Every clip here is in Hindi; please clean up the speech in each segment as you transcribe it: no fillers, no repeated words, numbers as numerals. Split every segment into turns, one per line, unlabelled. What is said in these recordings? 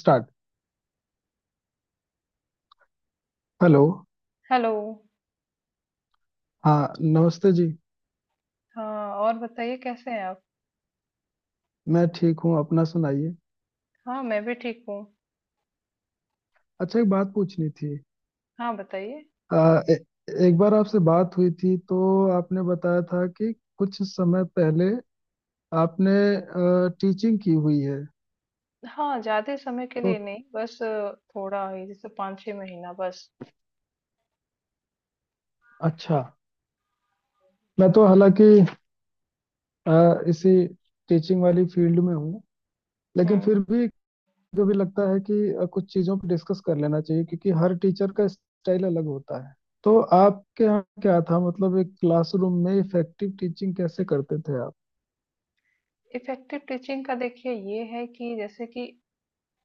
स्टार्ट। हेलो।
हेलो।
हाँ, नमस्ते जी।
हाँ, और बताइए, कैसे हैं आप?
मैं ठीक हूँ, अपना सुनाइए।
हाँ, मैं भी ठीक हूँ।
अच्छा, एक बात पूछनी थी।
हाँ, बताइए।
आ, ए, एक बार आपसे बात हुई थी तो आपने बताया था कि कुछ समय पहले आपने टीचिंग की हुई है।
हाँ, ज्यादा समय के
तो
लिए नहीं, बस थोड़ा ही, जैसे 5 6 महीना बस।
अच्छा, मैं तो हालांकि आ, इसी टीचिंग वाली फील्ड में हूँ, लेकिन
हम्म।
फिर भी मुझे भी लगता है कि कुछ चीज़ों पर डिस्कस कर लेना चाहिए, क्योंकि हर टीचर का स्टाइल अलग होता है। तो आपके यहाँ क्या था, मतलब एक क्लासरूम में इफेक्टिव टीचिंग कैसे करते थे आप?
इफेक्टिव टीचिंग का देखिए ये है कि जैसे कि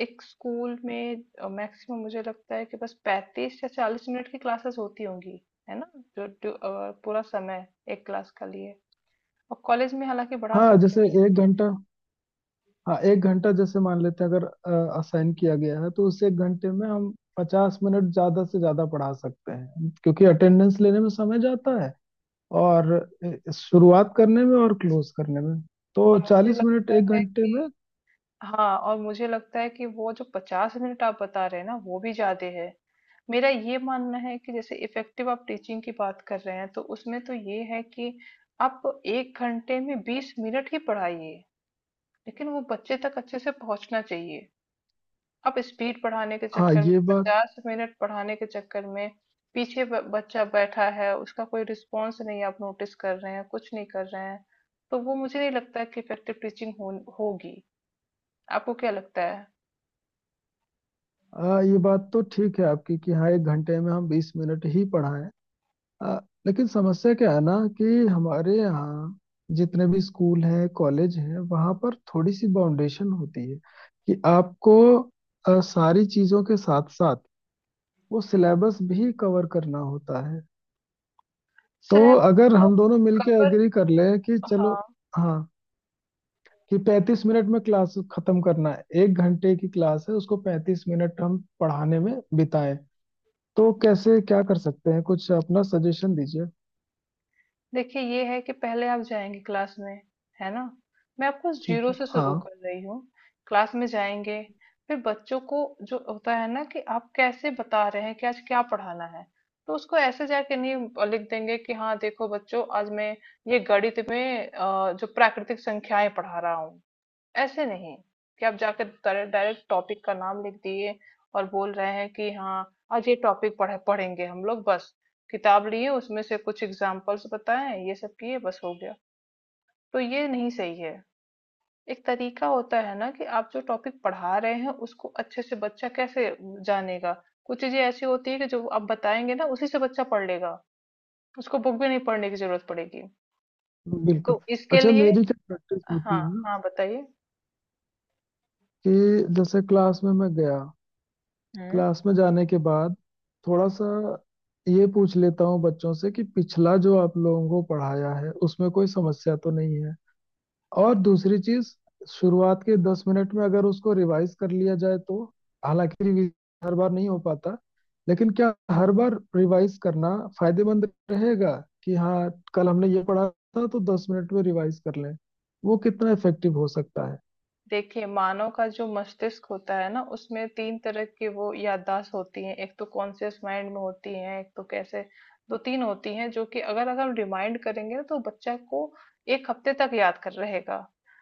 एक स्कूल में मैक्सिमम मुझे लगता है कि बस 35 या 40 मिनट की क्लासेस होती होंगी, है ना? जो पूरा समय एक क्लास का लिए। और कॉलेज में हालांकि बढ़ा
हाँ,
सकते हैं।
जैसे 1 घंटा। हाँ, 1 घंटा जैसे मान लेते हैं, अगर असाइन किया गया है तो उस 1 घंटे में हम 50 मिनट ज़्यादा से ज़्यादा पढ़ा सकते हैं, क्योंकि अटेंडेंस लेने में समय जाता है और शुरुआत करने में और क्लोज करने में।
और
तो
मुझे
40 मिनट
लगता
एक
है
घंटे
कि
में।
हाँ, और मुझे लगता है कि वो जो 50 मिनट आप बता रहे हैं ना, वो भी ज्यादा है। मेरा ये मानना है कि जैसे इफेक्टिव आप टीचिंग की बात कर रहे हैं तो उसमें तो ये है कि आप एक घंटे में 20 मिनट ही पढ़ाइए, लेकिन वो बच्चे तक अच्छे से पहुंचना चाहिए। आप स्पीड बढ़ाने के
हाँ
चक्कर में,
ये बात
50 मिनट पढ़ाने के चक्कर में, पीछे बच्चा बैठा है, उसका कोई रिस्पॉन्स नहीं, आप नोटिस कर रहे हैं, कुछ नहीं कर रहे हैं। तो वो मुझे नहीं लगता कि इफेक्टिव टीचिंग होगी। आपको क्या लगता है?
आ, ये बात तो ठीक है आपकी कि हाँ, 1 घंटे में हम 20 मिनट ही पढ़ाएं। आ, लेकिन समस्या क्या है ना कि हमारे यहाँ जितने भी स्कूल हैं, कॉलेज हैं, वहाँ पर थोड़ी सी बाउंडेशन होती है कि आपको सारी चीजों के साथ साथ वो सिलेबस भी कवर करना होता है। तो
स्लैब।
अगर
तो
हम दोनों मिलके
कवर।
एग्री कर ले कि चलो,
हाँ,
हाँ, कि 35 मिनट में क्लास खत्म करना है, 1 घंटे की क्लास है, उसको 35 मिनट हम पढ़ाने में बिताएं, तो कैसे क्या कर सकते हैं, कुछ अपना सजेशन दीजिए।
देखिए ये है कि पहले आप जाएंगे क्लास में, है ना। मैं आपको
ठीक
जीरो
है,
से शुरू
हाँ।
कर रही हूँ। क्लास में जाएंगे, फिर बच्चों को जो होता है ना कि आप कैसे बता रहे हैं कि आज क्या पढ़ाना है, तो उसको ऐसे जाके नहीं लिख देंगे कि हाँ देखो बच्चों, आज मैं ये गणित में जो प्राकृतिक संख्याएं पढ़ा रहा हूँ। ऐसे नहीं कि आप जाकर डायरेक्ट टॉपिक का नाम लिख दिए और बोल रहे हैं कि हाँ आज ये टॉपिक पढ़ेंगे हम लोग, बस किताब लिए उसमें से कुछ एग्जाम्पल्स बताएं, ये सब किए बस हो गया। तो ये नहीं सही है। एक तरीका होता है ना कि आप जो टॉपिक पढ़ा रहे हैं उसको अच्छे से बच्चा कैसे जानेगा। कुछ चीजें ऐसी होती है कि जो आप बताएंगे ना उसी से बच्चा पढ़ लेगा, उसको बुक भी नहीं पढ़ने की जरूरत पड़ेगी।
बिल्कुल।
तो इसके
अच्छा,
लिए,
मेरी क्या प्रैक्टिस होती
हाँ
है ना,
हाँ, बताइए।
कि जैसे क्लास में मैं गया,
हम्म।
क्लास में जाने के बाद थोड़ा सा ये पूछ लेता हूँ बच्चों से कि पिछला जो आप लोगों को पढ़ाया है उसमें कोई समस्या तो नहीं है। और दूसरी चीज, शुरुआत के 10 मिनट में अगर उसको रिवाइज कर लिया जाए, तो हालांकि रिवीज हर बार नहीं हो पाता, लेकिन क्या हर बार रिवाइज करना फायदेमंद रहेगा कि हाँ, कल हमने ये पढ़ा था तो 10 मिनट में रिवाइज कर लें, वो कितना इफेक्टिव हो सकता है?
देखिए, मानव का जो मस्तिष्क होता है ना, उसमें 3 तरह की वो याददाश्त होती हैं। एक तो कॉन्शियस माइंड में होती हैं, एक तो कैसे 2-3 होती हैं, जो कि अगर अगर हम रिमाइंड करेंगे ना तो बच्चा को 1 हफ्ते तक याद कर रहेगा।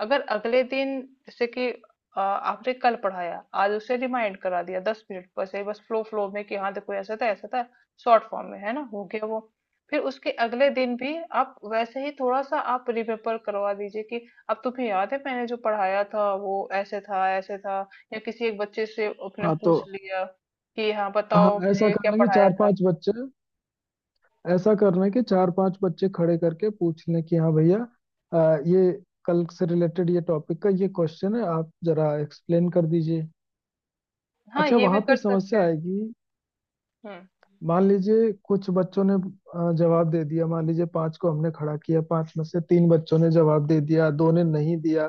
अगर अगले दिन, जैसे कि आपने कल पढ़ाया, आज उसे रिमाइंड करा दिया 10 मिनट, बस ये बस फ्लो फ्लो में कि हाँ, देखो ऐसा था, शॉर्ट फॉर्म में, है ना? हो गया वो। फिर उसके अगले दिन भी आप वैसे ही थोड़ा-सा आप रिमेंबर करवा दीजिए कि अब तुम्हें याद है मैंने जो पढ़ाया था वो ऐसे था ऐसे था, या किसी एक बच्चे से अपने
हाँ, तो
पूछ लिया कि हाँ
हाँ,
बताओ मैंने ये क्या पढ़ाया था।
ऐसा करना कि चार पांच बच्चे खड़े करके पूछ लें कि हाँ भैया, ये कल से रिलेटेड ये टॉपिक का ये क्वेश्चन है, आप जरा एक्सप्लेन कर दीजिए।
हाँ,
अच्छा,
ये
वहां
भी
पे
कर सकते
समस्या
हैं।
आएगी।
हम्म।
मान लीजिए कुछ बच्चों ने जवाब दे दिया, मान लीजिए 5 को हमने खड़ा किया, 5 में से 3 बच्चों ने जवाब दे दिया, 2 ने नहीं दिया,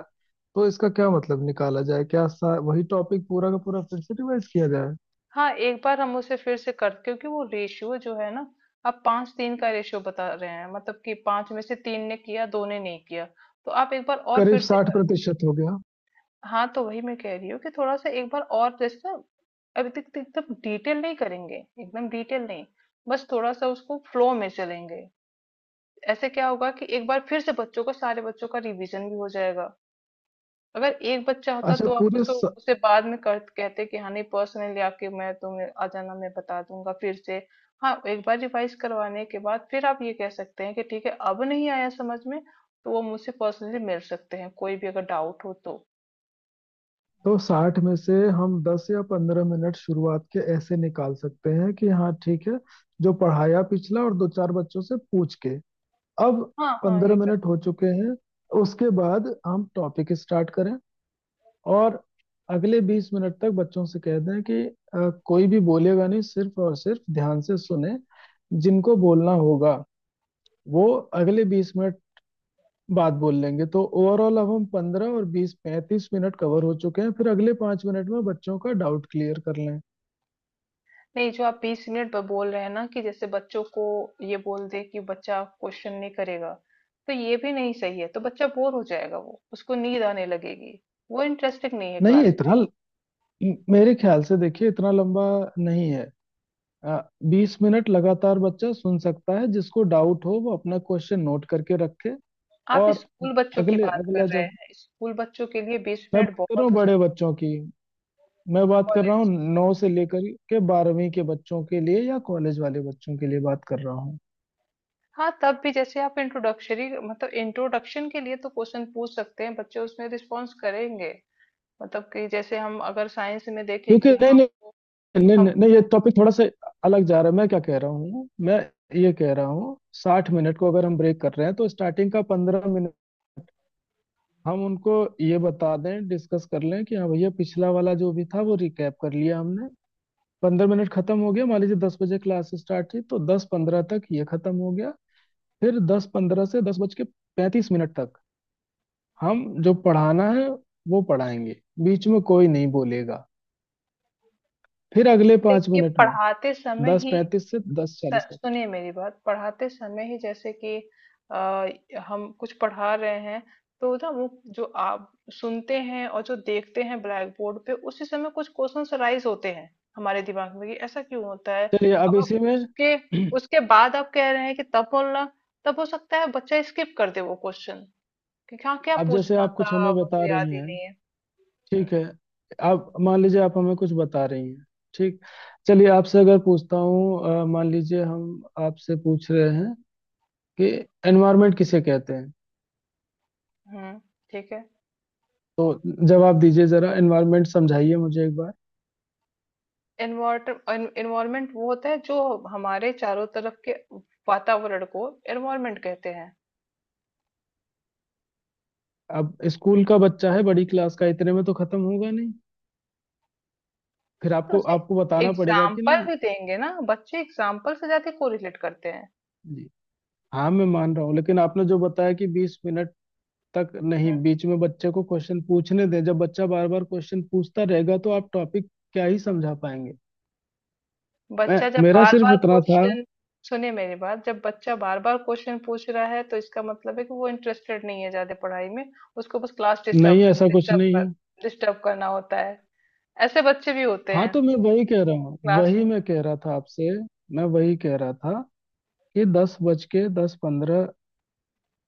तो इसका क्या मतलब निकाला जाए, वही टॉपिक पूरा का पूरा फिर से रिवाइज किया जाए?
हाँ, एक बार हम उसे फिर से कर, क्योंकि वो रेशियो जो है ना, आप पांच तीन का रेशियो बता रहे हैं, मतलब कि पांच में से तीन ने किया, दो ने नहीं किया। तो आप एक बार और
करीब
फिर से
साठ प्रतिशत हो गया।
हाँ, तो वही मैं कह रही हूँ कि थोड़ा सा एक बार और जैसे ना, अभी तक तो एकदम डिटेल नहीं करेंगे, एकदम डिटेल नहीं, बस थोड़ा सा उसको फ्लो में चलेंगे। ऐसे क्या होगा कि एक बार फिर से बच्चों को, सारे बच्चों का रिवीजन भी हो जाएगा। अगर एक बच्चा होता
अच्छा
तो आप
पूरे
उसको
स,
उसे बाद में कर कहते कि हाँ नहीं पर्सनली आके, मैं तुम्हें आ जाना मैं बता दूंगा फिर से। हाँ, एक बार रिवाइज करवाने के बाद फिर आप ये कह सकते हैं कि ठीक है अब नहीं आया समझ में तो वो मुझसे पर्सनली मिल सकते हैं कोई भी अगर डाउट हो तो।
तो 60 में से हम 10 या 15 मिनट शुरुआत के ऐसे निकाल सकते हैं कि हाँ ठीक है, जो पढ़ाया पिछला, और 2-4 बच्चों से पूछ के अब
हाँ हाँ,
पंद्रह
ये
मिनट हो चुके हैं। उसके बाद हम टॉपिक स्टार्ट करें और अगले 20 मिनट तक बच्चों से कह दें कि कोई भी बोलेगा नहीं, सिर्फ और सिर्फ ध्यान से सुने, जिनको बोलना होगा वो अगले 20 मिनट बाद बोल लेंगे। तो ओवरऑल अब हम 15 और 20, 35 मिनट कवर हो चुके हैं, फिर अगले 5 मिनट में बच्चों का डाउट क्लियर कर लें।
नहीं, जो आप 20 मिनट पर बोल रहे हैं ना कि जैसे बच्चों को ये बोल दे कि बच्चा क्वेश्चन नहीं करेगा, तो ये भी नहीं सही है, तो बच्चा बोर हो जाएगा, वो उसको नींद आने लगेगी, वो इंटरेस्टिंग नहीं है
नहीं,
क्लास में।
इतना मेरे ख्याल से, देखिए, इतना लंबा नहीं है। 20 मिनट लगातार बच्चा सुन सकता है, जिसको डाउट हो वो अपना क्वेश्चन नोट करके रखे।
आप
और
स्कूल बच्चों की
अगले
बात कर
अगला
रहे
जब
हैं, स्कूल बच्चों के लिए बीस
मैं
मिनट
बात कर रहा
बहुत
हूँ
हो जाते
बड़े
हैं।
बच्चों की, मैं बात कर रहा हूँ
कॉलेज।
9 से लेकर के 12वीं के बच्चों के लिए या कॉलेज वाले बच्चों के लिए बात कर रहा हूँ।
हाँ तब भी जैसे आप इंट्रोडक्शरी, मतलब इंट्रोडक्शन के लिए तो क्वेश्चन पूछ सकते हैं, बच्चे उसमें रिस्पॉन्स करेंगे। मतलब कि जैसे हम अगर साइंस में देखें
क्योंकि
कि
नहीं,
हाँ
नहीं,
हमको-
नहीं,
हम
नहीं, नहीं, ये टॉपिक थोड़ा सा अलग जा रहा है। मैं क्या कह रहा हूँ, मैं ये कह रहा हूँ, 60 मिनट को अगर हम ब्रेक कर रहे हैं तो स्टार्टिंग का 15 मिनट हम उनको ये बता दें, डिस्कस कर लें कि हाँ भैया, पिछला वाला जो भी था वो रिकैप कर लिया हमने, 15 मिनट खत्म हो गया। मान लीजिए 10 बजे क्लास स्टार्ट थी तो 10:15 तक ये खत्म हो गया। फिर 10:15 से दस बज के 35 मिनट तक हम जो पढ़ाना है वो पढ़ाएंगे, बीच में कोई नहीं बोलेगा। फिर अगले पाँच
देखिए
मिनट में,
पढ़ाते समय
दस
ही
पैंतीस से 10:40 तक।
सुनिए मेरी बात, पढ़ाते समय ही जैसे कि आ, हम कुछ पढ़ा रहे हैं, तो ना वो जो आप सुनते हैं और जो देखते हैं ब्लैक बोर्ड पे, उसी समय कुछ क्वेश्चंस राइज होते हैं हमारे दिमाग में कि ऐसा क्यों होता है।
चलिए अब
अब आप
इसी में।
उसके उसके बाद आप कह रहे हैं कि तब बोलना, तब हो सकता है बच्चा स्किप कर दे वो क्वेश्चन कि हाँ क्या
अब जैसे
पूछना
आप कुछ
था
हमें बता
मुझे याद
रही
ही
हैं,
नहीं है।
ठीक
हम्म।
है, आप मान लीजिए, आप हमें कुछ बता रही हैं, ठीक। चलिए आपसे अगर पूछता हूँ, मान लीजिए हम आपसे पूछ रहे हैं कि एनवायरनमेंट किसे कहते हैं?
हम्म, ठीक है।
तो जवाब दीजिए, जरा एनवायरनमेंट समझाइए मुझे एक बार।
एनवायरमेंट वो होता है जो हमारे चारों तरफ के वातावरण को एनवायरमेंट कहते हैं।
अब स्कूल का बच्चा है बड़ी क्लास का, इतने में तो खत्म होगा नहीं। फिर
नहीं, तो
आपको
उसे
आपको बताना पड़ेगा कि ना।
एग्जाम्पल भी देंगे ना, बच्चे एग्जाम्पल से ज्यादा कोरिलेट करते हैं।
जी। हाँ, मैं मान रहा हूँ, लेकिन आपने जो बताया कि 20 मिनट तक नहीं,
हम्म।
बीच में बच्चे को क्वेश्चन पूछने दें, जब बच्चा बार बार क्वेश्चन पूछता रहेगा तो आप टॉपिक क्या ही समझा पाएंगे? मैं
बच्चा जब
मेरा
बार
सिर्फ
बार
इतना था।
क्वेश्चन सुनिए मेरी बात, जब बच्चा बार बार क्वेश्चन पूछ रहा है तो इसका मतलब है कि वो इंटरेस्टेड नहीं है ज्यादा पढ़ाई में, उसको बस क्लास
नहीं,
डिस्टर्ब
ऐसा कुछ
डिस्टर्ब
नहीं
कर
है।
डिस्टर्ब करना होता है। ऐसे बच्चे भी होते
हाँ, तो
हैं
मैं वही कह रहा हूँ,
क्लास
वही
में।
मैं कह रहा था आपसे मैं वही कह रहा था कि दस बज के 10:15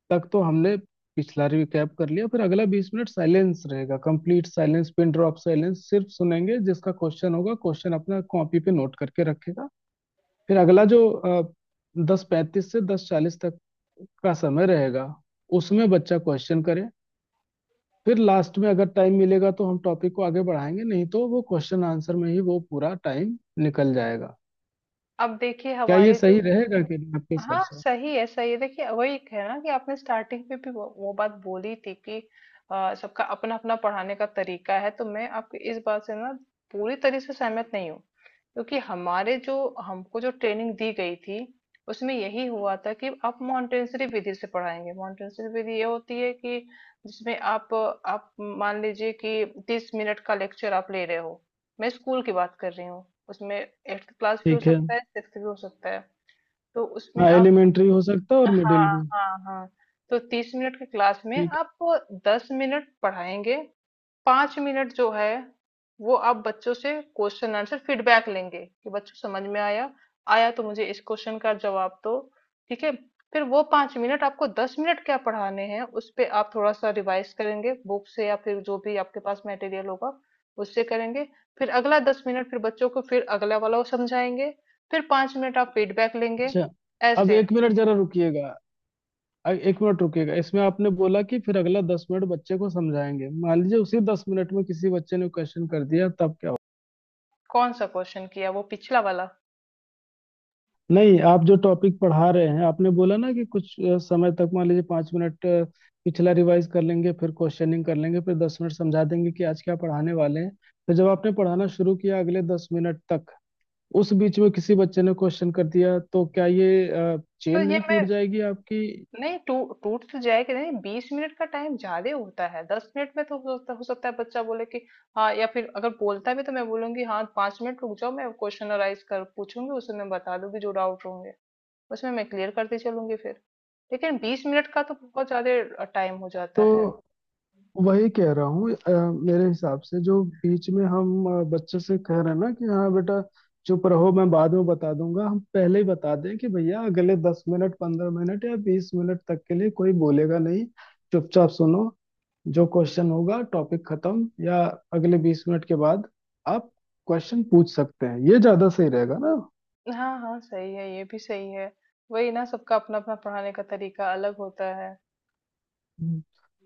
तक तो हमने पिछला रिकैप कर लिया, फिर अगला 20 मिनट साइलेंस रहेगा, complete silence, pin drop silence, सिर्फ सुनेंगे, जिसका क्वेश्चन होगा, क्वेश्चन अपना कॉपी पे नोट करके रखेगा। फिर अगला जो 10:35 से दस चालीस तक का समय रहेगा, उसमें बच्चा क्वेश्चन करे, फिर लास्ट में अगर टाइम मिलेगा तो हम टॉपिक को आगे बढ़ाएंगे, नहीं तो वो क्वेश्चन आंसर में ही वो पूरा टाइम निकल जाएगा।
अब देखिए
क्या ये
हमारे जो,
सही रहेगा कि नहीं, आपके हिसाब
हाँ
से?
सही है, सही है, देखिए वही है ना कि आपने स्टार्टिंग में भी वो बात बोली थी कि सबका अपना अपना पढ़ाने का तरीका है, तो मैं आपकी इस बात से ना पूरी तरह से सहमत नहीं हूँ। क्योंकि हमारे जो हमको जो ट्रेनिंग दी गई थी उसमें यही हुआ था कि आप मॉन्टेसरी विधि से पढ़ाएंगे। मॉन्टेसरी विधि ये होती है कि जिसमें आप मान लीजिए कि 30 मिनट का लेक्चर आप ले रहे हो। मैं स्कूल की बात कर रही हूँ, उसमें एट्थ क्लास भी हो
ठीक है।
सकता है, सिक्स भी हो सकता है। तो उसमें
हाँ,
आप,
एलिमेंट्री हो सकता है और मिडिल
हाँ,
भी।
हाँ, हाँ। तो 30 मिनट की क्लास में
ठीक है।
आप 10 मिनट पढ़ाएँगे, 5 मिनट जो है वो आप बच्चों से क्वेश्चन आंसर फीडबैक लेंगे कि बच्चों समझ में आया, आया तो मुझे इस क्वेश्चन का जवाब दो, ठीक है? फिर वो 5 मिनट आपको 10 मिनट क्या पढ़ाने हैं उस पे आप थोड़ा-सा रिवाइज करेंगे बुक से, या फिर जो भी आपके पास मटेरियल होगा उससे करेंगे। फिर अगला 10 मिनट फिर बच्चों को, फिर अगला वाला वो समझाएँगे, फिर 5 मिनट आप फीडबैक लेंगे,
अच्छा। अब
ऐसे।
1 मिनट जरा रुकिएगा, 1 मिनट रुकिएगा। इसमें आपने बोला कि फिर अगला 10 मिनट बच्चे को समझाएंगे, मान लीजिए उसी 10 मिनट में किसी बच्चे ने क्वेश्चन कर दिया तब क्या हो?
कौन सा क्वेश्चन किया, वो पिछला वाला?
नहीं, आप जो टॉपिक पढ़ा रहे हैं, आपने बोला ना कि कुछ समय तक, मान लीजिए 5 मिनट पिछला रिवाइज कर लेंगे, फिर क्वेश्चनिंग कर लेंगे, फिर 10 मिनट समझा देंगे कि आज क्या पढ़ाने वाले हैं। तो जब आपने पढ़ाना शुरू किया अगले 10 मिनट तक, उस बीच में किसी बच्चे ने क्वेश्चन कर दिया तो क्या ये
तो
चेन
ये
नहीं
मैं
टूट जाएगी आपकी?
नहीं टू टूट तो जाएगा नहीं, 20 मिनट का टाइम ज्यादा होता है, 10 मिनट में तो हो सकता है बच्चा बोले कि हाँ, या फिर अगर बोलता भी तो मैं बोलूंगी हाँ 5 मिनट रुक जाओ, मैं क्वेश्चनराइज कर पूछूंगी, उसे मैं बता दूंगी जो डाउट होंगे उसमें मैं क्लियर करती चलूंगी फिर। लेकिन 20 मिनट का तो बहुत ज्यादा टाइम हो जाता है।
तो वही कह रहा हूँ मेरे हिसाब से, जो बीच में हम बच्चे से कह रहे हैं ना कि हाँ बेटा, चुप रहो, मैं बाद में बता दूंगा, हम पहले ही बता दें कि भैया अगले 10 मिनट, 15 मिनट या 20 मिनट तक के लिए कोई बोलेगा नहीं, चुपचाप सुनो, जो क्वेश्चन होगा टॉपिक खत्म या अगले 20 मिनट के बाद आप क्वेश्चन पूछ सकते हैं, ये ज्यादा सही रहेगा ना?
हाँ हाँ, सही है, ये भी सही है। वही ना, सबका अपना अपना पढ़ाने का तरीका अलग होता है।
हम्म।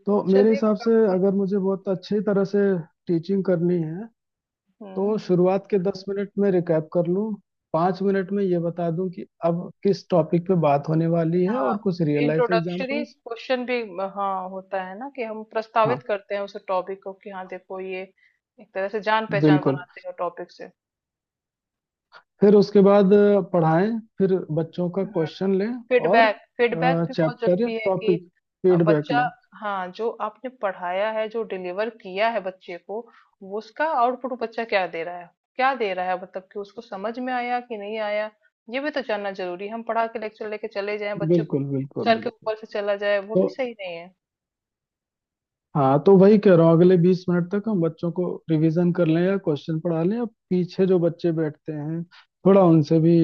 तो मेरे
चलिए
हिसाब से
काफी।
अगर मुझे बहुत अच्छी तरह से टीचिंग करनी है
हम्म।
तो शुरुआत के दस मिनट में रिकैप कर लूँ, 5 मिनट में ये बता दूं कि अब किस टॉपिक पे बात होने वाली है
हाँ,
और कुछ real life
introductory
examples.
Question भी हाँ होता है ना कि हम
हाँ,
प्रस्तावित करते हैं उस टॉपिक को कि हाँ देखो ये, एक तरह से जान पहचान
बिल्कुल।
बनाते हैं टॉपिक से।
फिर उसके बाद पढ़ाएं, फिर बच्चों का
हम्म।
क्वेश्चन लें और
फीडबैक फीडबैक भी बहुत
चैप्टर या
जरूरी है कि
टॉपिक फीडबैक
बच्चा,
लें।
हाँ, जो आपने पढ़ाया है, जो डिलीवर किया है बच्चे को, वो उसका आउटपुट बच्चा क्या दे रहा है, मतलब कि उसको समझ में आया कि नहीं आया, ये भी तो जानना जरूरी है। हम पढ़ा के लेक्चर लेके चले जाएं, बच्चे को
बिल्कुल, बिल्कुल,
सर के
बिल्कुल।
ऊपर से चला जाए, वो
तो,
भी सही नहीं है।
हाँ, तो वही कह रहा हूँ, अगले 20 मिनट तक हम बच्चों को रिवीजन कर लें या क्वेश्चन पढ़ा लें या पीछे जो बच्चे बैठते हैं, थोड़ा उनसे भी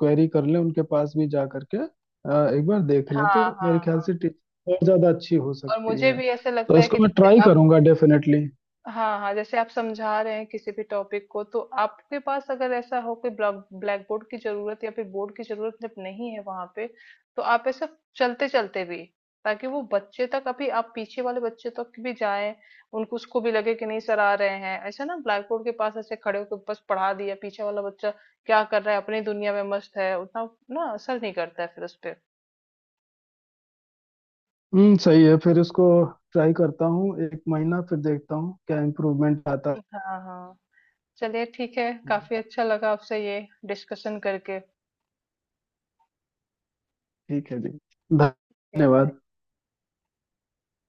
क्वेरी कर लें, उनके पास भी जा करके एक बार देख लें, तो
हाँ हाँ
मेरे ख्याल
हाँ,
से टीचिंग और ज्यादा अच्छी हो
और
सकती
मुझे
है।
भी ऐसे
तो
लगता है
इसको
कि
मैं
जैसे
ट्राई
आप,
करूंगा डेफिनेटली।
हाँ हाँ, जैसे आप समझा रहे हैं किसी भी टॉपिक को, तो आपके पास अगर ऐसा हो कि ब्लैक ब्लैक बोर्ड की जरूरत, या फिर बोर्ड की जरूरत जब नहीं है वहां पे, तो आप ऐसे चलते चलते भी, ताकि वो बच्चे तक, अभी आप पीछे वाले बच्चे तक भी जाएं, उनको उसको भी लगे कि नहीं सर आ रहे हैं, ऐसा ना ब्लैक बोर्ड के पास ऐसे खड़े होकर बस पढ़ा दिया। पीछे वाला बच्चा क्या कर रहा है, अपनी दुनिया में मस्त है, उतना ना असर नहीं करता है फिर उस पर।
हम्म, सही है। फिर इसको ट्राई करता हूँ 1 महीना, फिर देखता हूँ क्या इम्प्रूवमेंट आता है।
हाँ हाँ, चलिए ठीक है,
जी।
काफ़ी अच्छा लगा आपसे ये डिस्कशन करके।
ठीक है जी,
ओके, बाय।
धन्यवाद।